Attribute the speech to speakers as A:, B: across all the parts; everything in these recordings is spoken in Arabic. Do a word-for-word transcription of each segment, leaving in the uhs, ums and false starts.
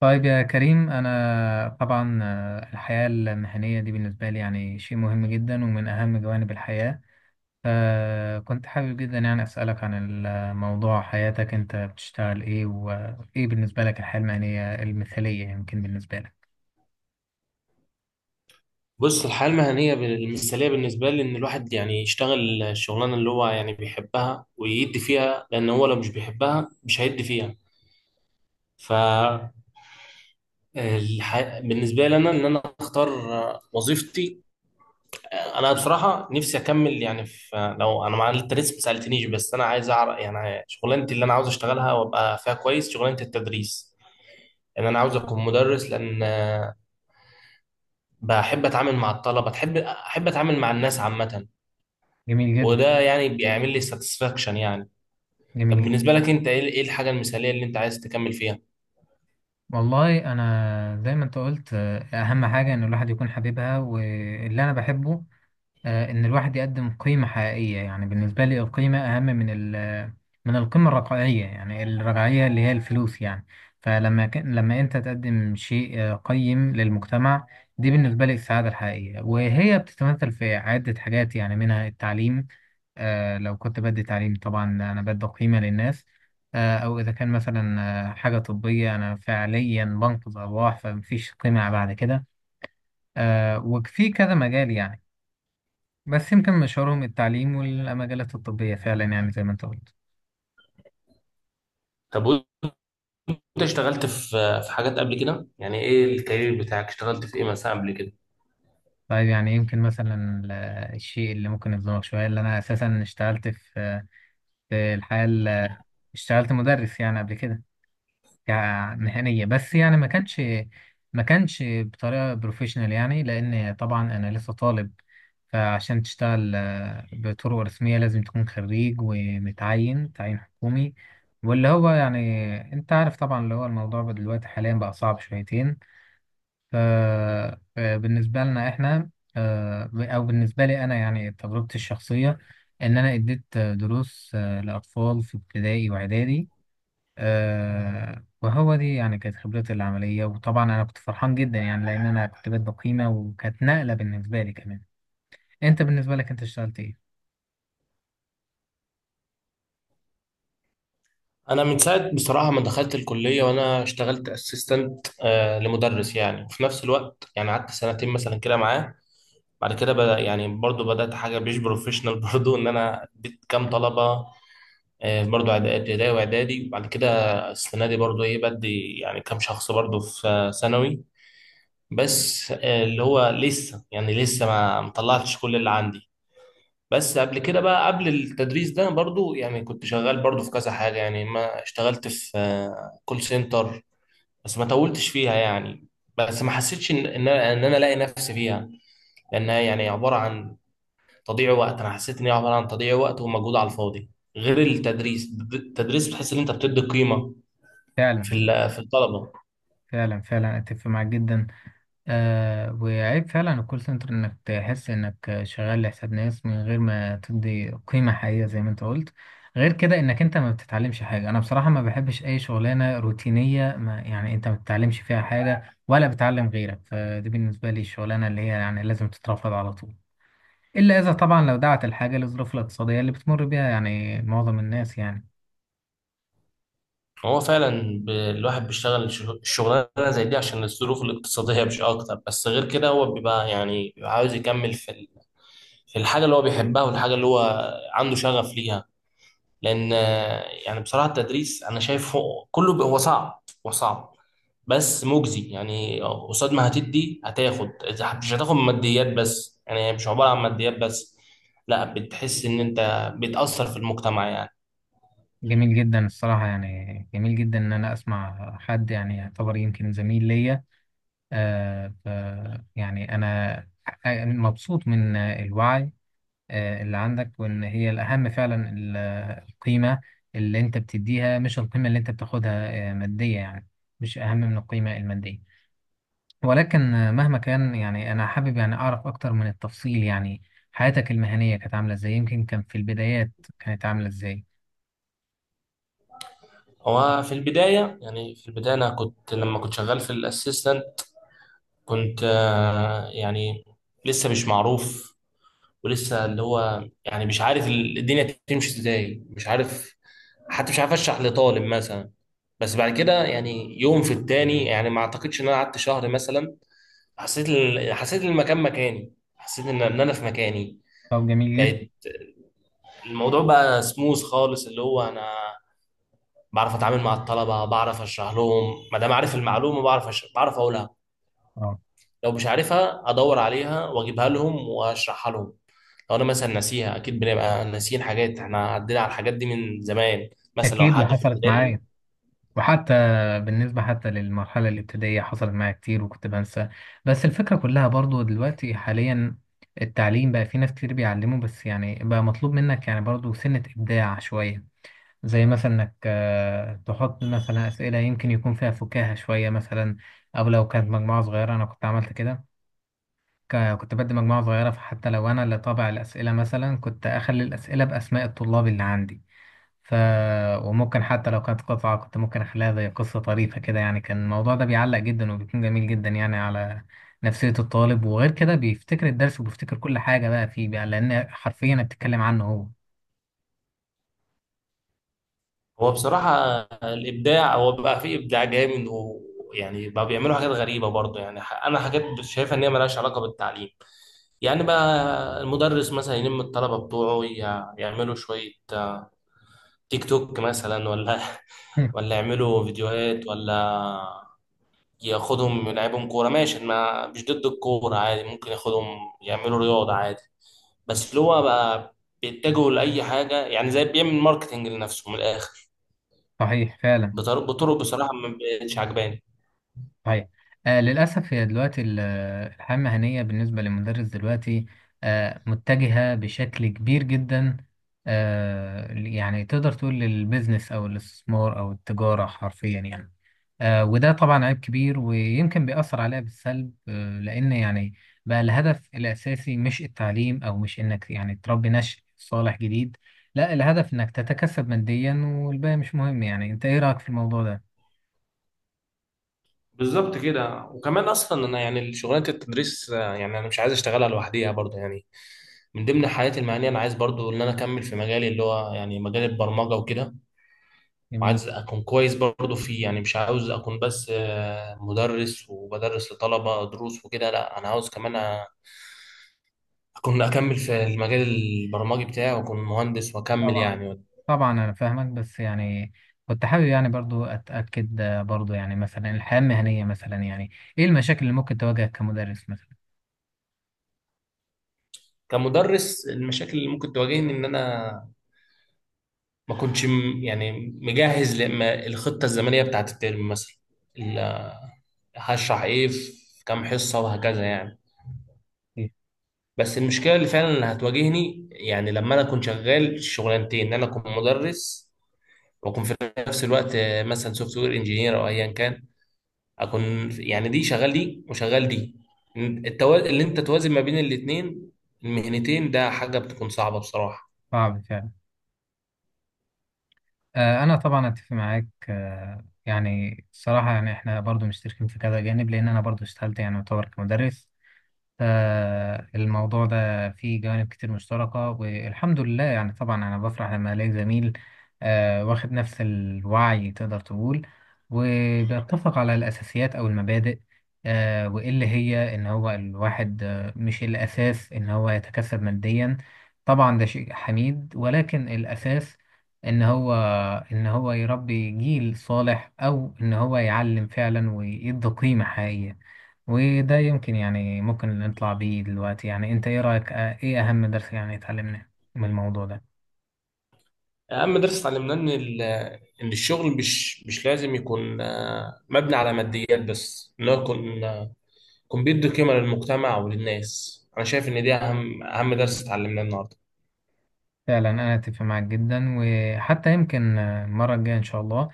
A: طيب يا كريم، أنا طبعا آه، الحياة المهنية دي بالنسبة لي يعني شيء مهم جدا ومن أهم جوانب الحياة. فكنت حابب جدا يعني أسألك عن الموضوع، حياتك أنت بتشتغل إيه؟ وإيه بالنسبة لك الحياة المهنية المثالية يمكن بالنسبة لك؟
B: بص، الحياة المهنية بال- المثالية بالنسبة لي إن الواحد يعني يشتغل الشغلانة اللي هو يعني بيحبها ويدي فيها، لأن هو لو مش بيحبها مش هيدي فيها. ف الح- بالنسبة لي أنا إن أنا أختار وظيفتي. أنا بصراحة نفسي أكمل يعني في، لو أنا مع أنت لسه ما سألتنيش، بس أنا عايز أعرف يعني شغلانتي اللي أنا عاوز أشتغلها وأبقى فيها كويس، شغلانة التدريس، لأن أنا عاوز أكون مدرس، لأن بحب أتعامل مع الطلبة، بحب أحب أتعامل مع الناس عامة.
A: جميل جدا.
B: وده يعني بيعمل لي ساتسفاكشن يعني. طب
A: جميل جدا.
B: بالنسبة لك انت، ايه ايه الحاجة المثالية اللي انت عايز تكمل فيها؟
A: والله أنا زي ما أنت قلت، آه، أهم حاجة إن الواحد يكون حبيبها واللي أنا بحبه. آه، ان الواحد يقدم قيمة حقيقية. يعني بالنسبة لي القيمة اهم من ال من القيمة الرقعية، يعني الرقعية اللي هي الفلوس يعني. فلما ك- لما انت تقدم شيء آه، قيم للمجتمع، دي بالنسبة لي السعادة الحقيقية، وهي بتتمثل في عدة حاجات يعني منها التعليم. آه، لو كنت بدي تعليم طبعا انا بدي قيمة للناس. آه، او اذا كان مثلا آه، حاجة طبية، انا فعليا بنقذ ارواح، فمفيش قيمة بعد كده. آه، وفي كذا مجال يعني. بس يمكن مشوارهم التعليم والمجالات الطبية، فعلا يعني زي ما انت قلت.
B: طب وانت اشتغلت في في حاجات قبل كده، يعني ايه الكارير بتاعك؟ اشتغلت في ايه مثلا قبل كده؟
A: طيب، يعني يمكن مثلا ال- الشيء اللي ممكن يظلمك شوية، اللي أنا أساسا اشتغلت في في الحياة ال- اشتغلت مدرس يعني قبل كده، كمهنية، بس يعني ما كانش ما كانش بطريقة بروفيشنال، يعني لأن طبعا أنا لسه طالب. فعشان تشتغل آه، بطرق رسمية لازم تكون خريج ومتعين تعيين حكومي، واللي هو يعني انت عارف طبعا، اللي هو الموضوع دلوقتي حاليا بقى صعب شويتين. ف- فبالنسبة لنا إحنا، آه، أو بالنسبة لي أنا، يعني تجربتي الشخصية إن أنا اديت دروس آه، لأطفال في ابتدائي وإعدادي. آه، وهو دي يعني كانت خبرتي العملية، وطبعا أنا كنت فرحان جدا يعني لأن أنا كنت بادئ قيمة وكانت نقلة بالنسبة لي كمان. أنت بالنسبة لك، أنت اشتغلت إيه؟
B: انا من ساعة بصراحة ما دخلت الكلية وانا اشتغلت اسيستنت آه لمدرس يعني، وفي نفس الوقت يعني قعدت سنتين مثلا كده معاه. بعد كده بدأ يعني برضو بدأت حاجة مش بروفيشنال برضو ان انا اديت كام طلبة، آه، برضو إعدا- ابتدائي واعدادي. وبعد كده السنة دي برضو ايه بدي يعني كام شخص برضو في آه، ثانوي. بس آه، اللي هو لسه، يعني لسه ما مطلعتش كل اللي عندي. بس قبل كده، بقى قبل التدريس ده برضو يعني كنت شغال برضو في كذا حاجة يعني. ما اشتغلت في آه، كول سنتر، بس ما طولتش فيها يعني، بس ما حسيتش ان ان انا إن أنا الاقي نفسي فيها، لانها يعني عبارة عن تضييع وقت. انا حسيت ان هي عبارة عن تضييع وقت ومجهود على الفاضي. غير التدريس، التدريس بتحس ان انت بتدي قيمة
A: فعلا،
B: في ال- في الطلبة.
A: فعلا، فعلا، أتفق معاك جدا. آه وعيب فعلا الكول سنتر انك تحس انك شغال لحساب ناس من غير ما تدي قيمة حقيقية زي ما انت قلت. غير كده انك انت ما بتتعلمش حاجة. انا بصراحة ما بحبش اي شغلانة روتينية، ما يعني انت ما بتتعلمش فيها حاجة ولا بتعلم غيرك. فدي بالنسبة لي الشغلانة اللي هي يعني لازم تترفض على طول، الا اذا طبعا لو دعت الحاجة للظروف الاقتصادية اللي بتمر بيها يعني معظم الناس يعني.
B: هو فعلا ب- الواحد بيشتغل شغ- شغلانه زي دي عشان الظروف الاقتصاديه مش اكتر، بس غير كده هو بيبقى يعني بيبقى عاوز يكمل في ال- في الحاجه اللي هو بيحبها والحاجه اللي هو عنده شغف ليها. لان آه، يعني بصراحه التدريس انا شايفه كله. ب- هو صعب هو صعب، بس مجزي يعني. قصاد ما هتدي هتاخد، إذا مش هتاخد ماديات بس، يعني مش عباره عن ماديات بس، لا، بتحس ان انت بتاثر في المجتمع يعني.
A: جميل جدا الصراحة، يعني جميل جدا ان انا اسمع حد يعني يعتبر يمكن زميل ليا. آه، ف يعني أنا مبسوط من الوعي آه، اللي عندك، وإن هي الأهم فعلا ال- آه، القيمة اللي أنت بتديها مش القيمة اللي أنت بتاخدها آه، مادية يعني، مش أهم من القيمة المادية. ولكن آه، مهما كان يعني أنا حابب يعني أعرف أكتر من التفصيل، يعني حياتك المهنية كانت عاملة إزاي؟ يمكن كان في البدايات كانت عاملة إزاي؟
B: هو في البداية، يعني في البداية أنا كنت لما كنت شغال في الأسيستنت، كنت آه، يعني لسه مش معروف، ولسه اللي هو يعني مش عارف ال- الدنيا تمشي إزاي، مش عارف، حتى مش عارف أشرح لطالب مثلا. بس بعد كده يعني يوم في التاني، يعني ما أعتقدش إن أنا قعدت شهر مثلا، حسيت ال- حسيت إن المكان مكاني، حسيت إن إن أنا في مكاني.
A: طب، جميل جدا.
B: بقيت، الموضوع بقى سموث خالص، اللي هو أنا بعرف اتعامل مع الطلبه، بعرف اشرح لهم، ما دام عارف المعلومه بعرف أش... بعرف اقولها.
A: أه.
B: لو مش عارفها ادور عليها واجيبها لهم واشرحها لهم. لو انا مثلا ناسيها، اكيد بنبقى ناسيين حاجات، احنا عدينا على الحاجات دي من زمان، مثلا لو
A: أكيد.
B: حاجه في
A: وحصلت
B: ابتدائي.
A: معايا، وحتى بالنسبة، حتى للمرحلة الابتدائية، حصلت معايا كتير وكنت بنسى. بس الفكرة كلها برضو دلوقتي حاليا التعليم بقى في ناس كتير بيعلموا، بس يعني بقى مطلوب منك يعني برضو سنة إبداع شوية، زي مثلا إنك آه، تحط مثلا أسئلة يمكن يكون فيها فكاهة شوية مثلا. أو لو كانت مجموعة صغيرة أنا كنت عملت كده. ك- كنت بدي مجموعة صغيرة، فحتى لو أنا اللي طابع الأسئلة مثلا كنت أخلي الأسئلة بأسماء الطلاب اللي عندي. ف وممكن حتى لو كانت قطعة كنت ممكن أخليها زي قصة طريفة كده، يعني كان الموضوع ده بيعلق جدا وبيكون جميل جدا يعني على نفسية الطالب. وغير كده بيفتكر الدرس وبيفتكر كل حاجة بقى فيه بقى، لأن حرفيا بتتكلم عنه هو.
B: هو بصراحه الابداع، هو بقى فيه ابداع جامد، ويعني بقى بيعملوا حاجات غريبه برضه يعني. ح- انا حاجات شايفها ان هي ملهاش علاقه بالتعليم، يعني بقى المدرس مثلا يلم الطلبه بتوعه ي- يعملوا شويه تيك توك مثلا، ولا ولا يعملوا فيديوهات، ولا ياخدهم يلعبهم كورة. ماشي، ما مش ضد الكورة، عادي، ممكن ياخدهم يعملوا رياضة عادي. بس اللي هو بقى بيتجهوا لأي حاجة، يعني زي بيعمل ماركتينج لنفسه من الآخر،
A: صحيح فعلا.
B: بطرق بطرق بصراحة ما بقتش عجباني.
A: صحيح. آه للأسف هي دلوقتي ال- الحياة المهنية بالنسبة للمدرس دلوقتي آه متجهة بشكل كبير جدا. آه يعني تقدر تقول للبيزنس أو الاستثمار أو التجارة حرفيا يعني. آه وده طبعا عيب كبير ويمكن بيأثر عليها بالسلب، آه لأن يعني بقى الهدف الأساسي مش التعليم أو مش إنك يعني تربي نشء صالح جديد. لا، الهدف إنك تتكسب ماديا والباقي مش مهم. يعني أنت إيه رأيك في الموضوع ده؟
B: بالظبط كده. وكمان اصلا انا يعني شغلانه التدريس، آه، يعني انا مش عايز اشتغلها لوحديها برضه يعني. من ضمن حياتي المهنيه انا عايز برضه ان انا اكمل في مجالي، اللي هو يعني مجال البرمجه وكده،
A: جميل.
B: وعايز اكون كويس برضو فيه، يعني مش عاوز اكون بس آه، مدرس وبدرس لطلبة دروس وكده، لا، انا عاوز كمان أ- اكون اكمل في المجال البرمجي بتاعي، واكون مهندس واكمل
A: طبعا،
B: يعني.
A: طبعا، انا فاهمك بس يعني كنت حابب يعني برضو اتاكد. آه، برضو يعني مثلا الحياه المهنيه مثلا، يعني ايه المشاكل اللي ممكن تواجهك كمدرس مثلا؟
B: كمدرس، المشاكل اللي ممكن تواجهني ان انا ما كنتش م- يعني مجهز لما الخطة الزمنية بتاعت الترم مثلا، ال- هشرح ايه في كام حصة وهكذا يعني.
A: إيه؟
B: بس المشكلة اللي فعلا اللي هتواجهني يعني لما انا اكون شغال شغلانتين، ان انا اكون مدرس واكون في نفس الوقت آه، مثلا سوفت وير انجينير او ايا كان. اكون في- يعني دي شغال دي وشغال دي، التوازن اللي انت توازن ما بين الاثنين المهنتين ده حاجه بتكون صعبه بصراحه.
A: صعب فعلا. آه انا طبعا اتفق معاك. آه يعني الصراحه يعني احنا برضو مشتركين في كذا جانب، لان انا برضو اشتغلت يعني يعتبر كمدرس. فالموضوع ده فيه جوانب كتير مشتركة، والحمد لله يعني طبعا أنا بفرح لما ألاقي زميل آه، واخد نفس الوعي تقدر تقول، وبيتفق على الأساسيات أو المبادئ. آه، وإيه اللي هي إن هو الواحد آه، مش الأساس إن هو يتكسب ماديا. طبعا ده شيء حميد، ولكن الأساس إن هو إن هو يربي جيل صالح أو إن هو يعلم فعلا ويدي قيمة حقيقية. وده يمكن يعني ممكن نطلع بيه دلوقتي. يعني انت ايه رأيك؟ اه، ايه اهم درس يعني اتعلمناه من الموضوع ده؟
B: اهم درس اتعلمناه ان ال- ان الشغل مش مش لازم يكون آه، مبني على ماديات بس، ان هو يكون آه، يكون بيدي قيمه للمجتمع وللناس. انا شايف ان دي اهم اهم درس اتعلمناه النهارده.
A: فعلا انا اتفق معاك جدا، وحتى يمكن اه، المرة الجاية ان شاء الله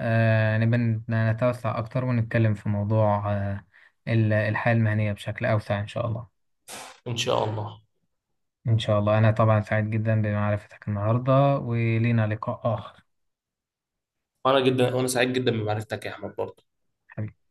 A: آه نبقى نت- نتوسع اكتر ونتكلم في موضوع آه ال- الحياة المهنية بشكل اوسع ان شاء الله.
B: ان شاء الله.
A: ان شاء الله. انا طبعا سعيد جدا بمعرفتك النهاردة، ولينا لقاء اخر.
B: وانا جدا وانا سعيد جدا بمعرفتك يا احمد برضه.
A: حبيبي.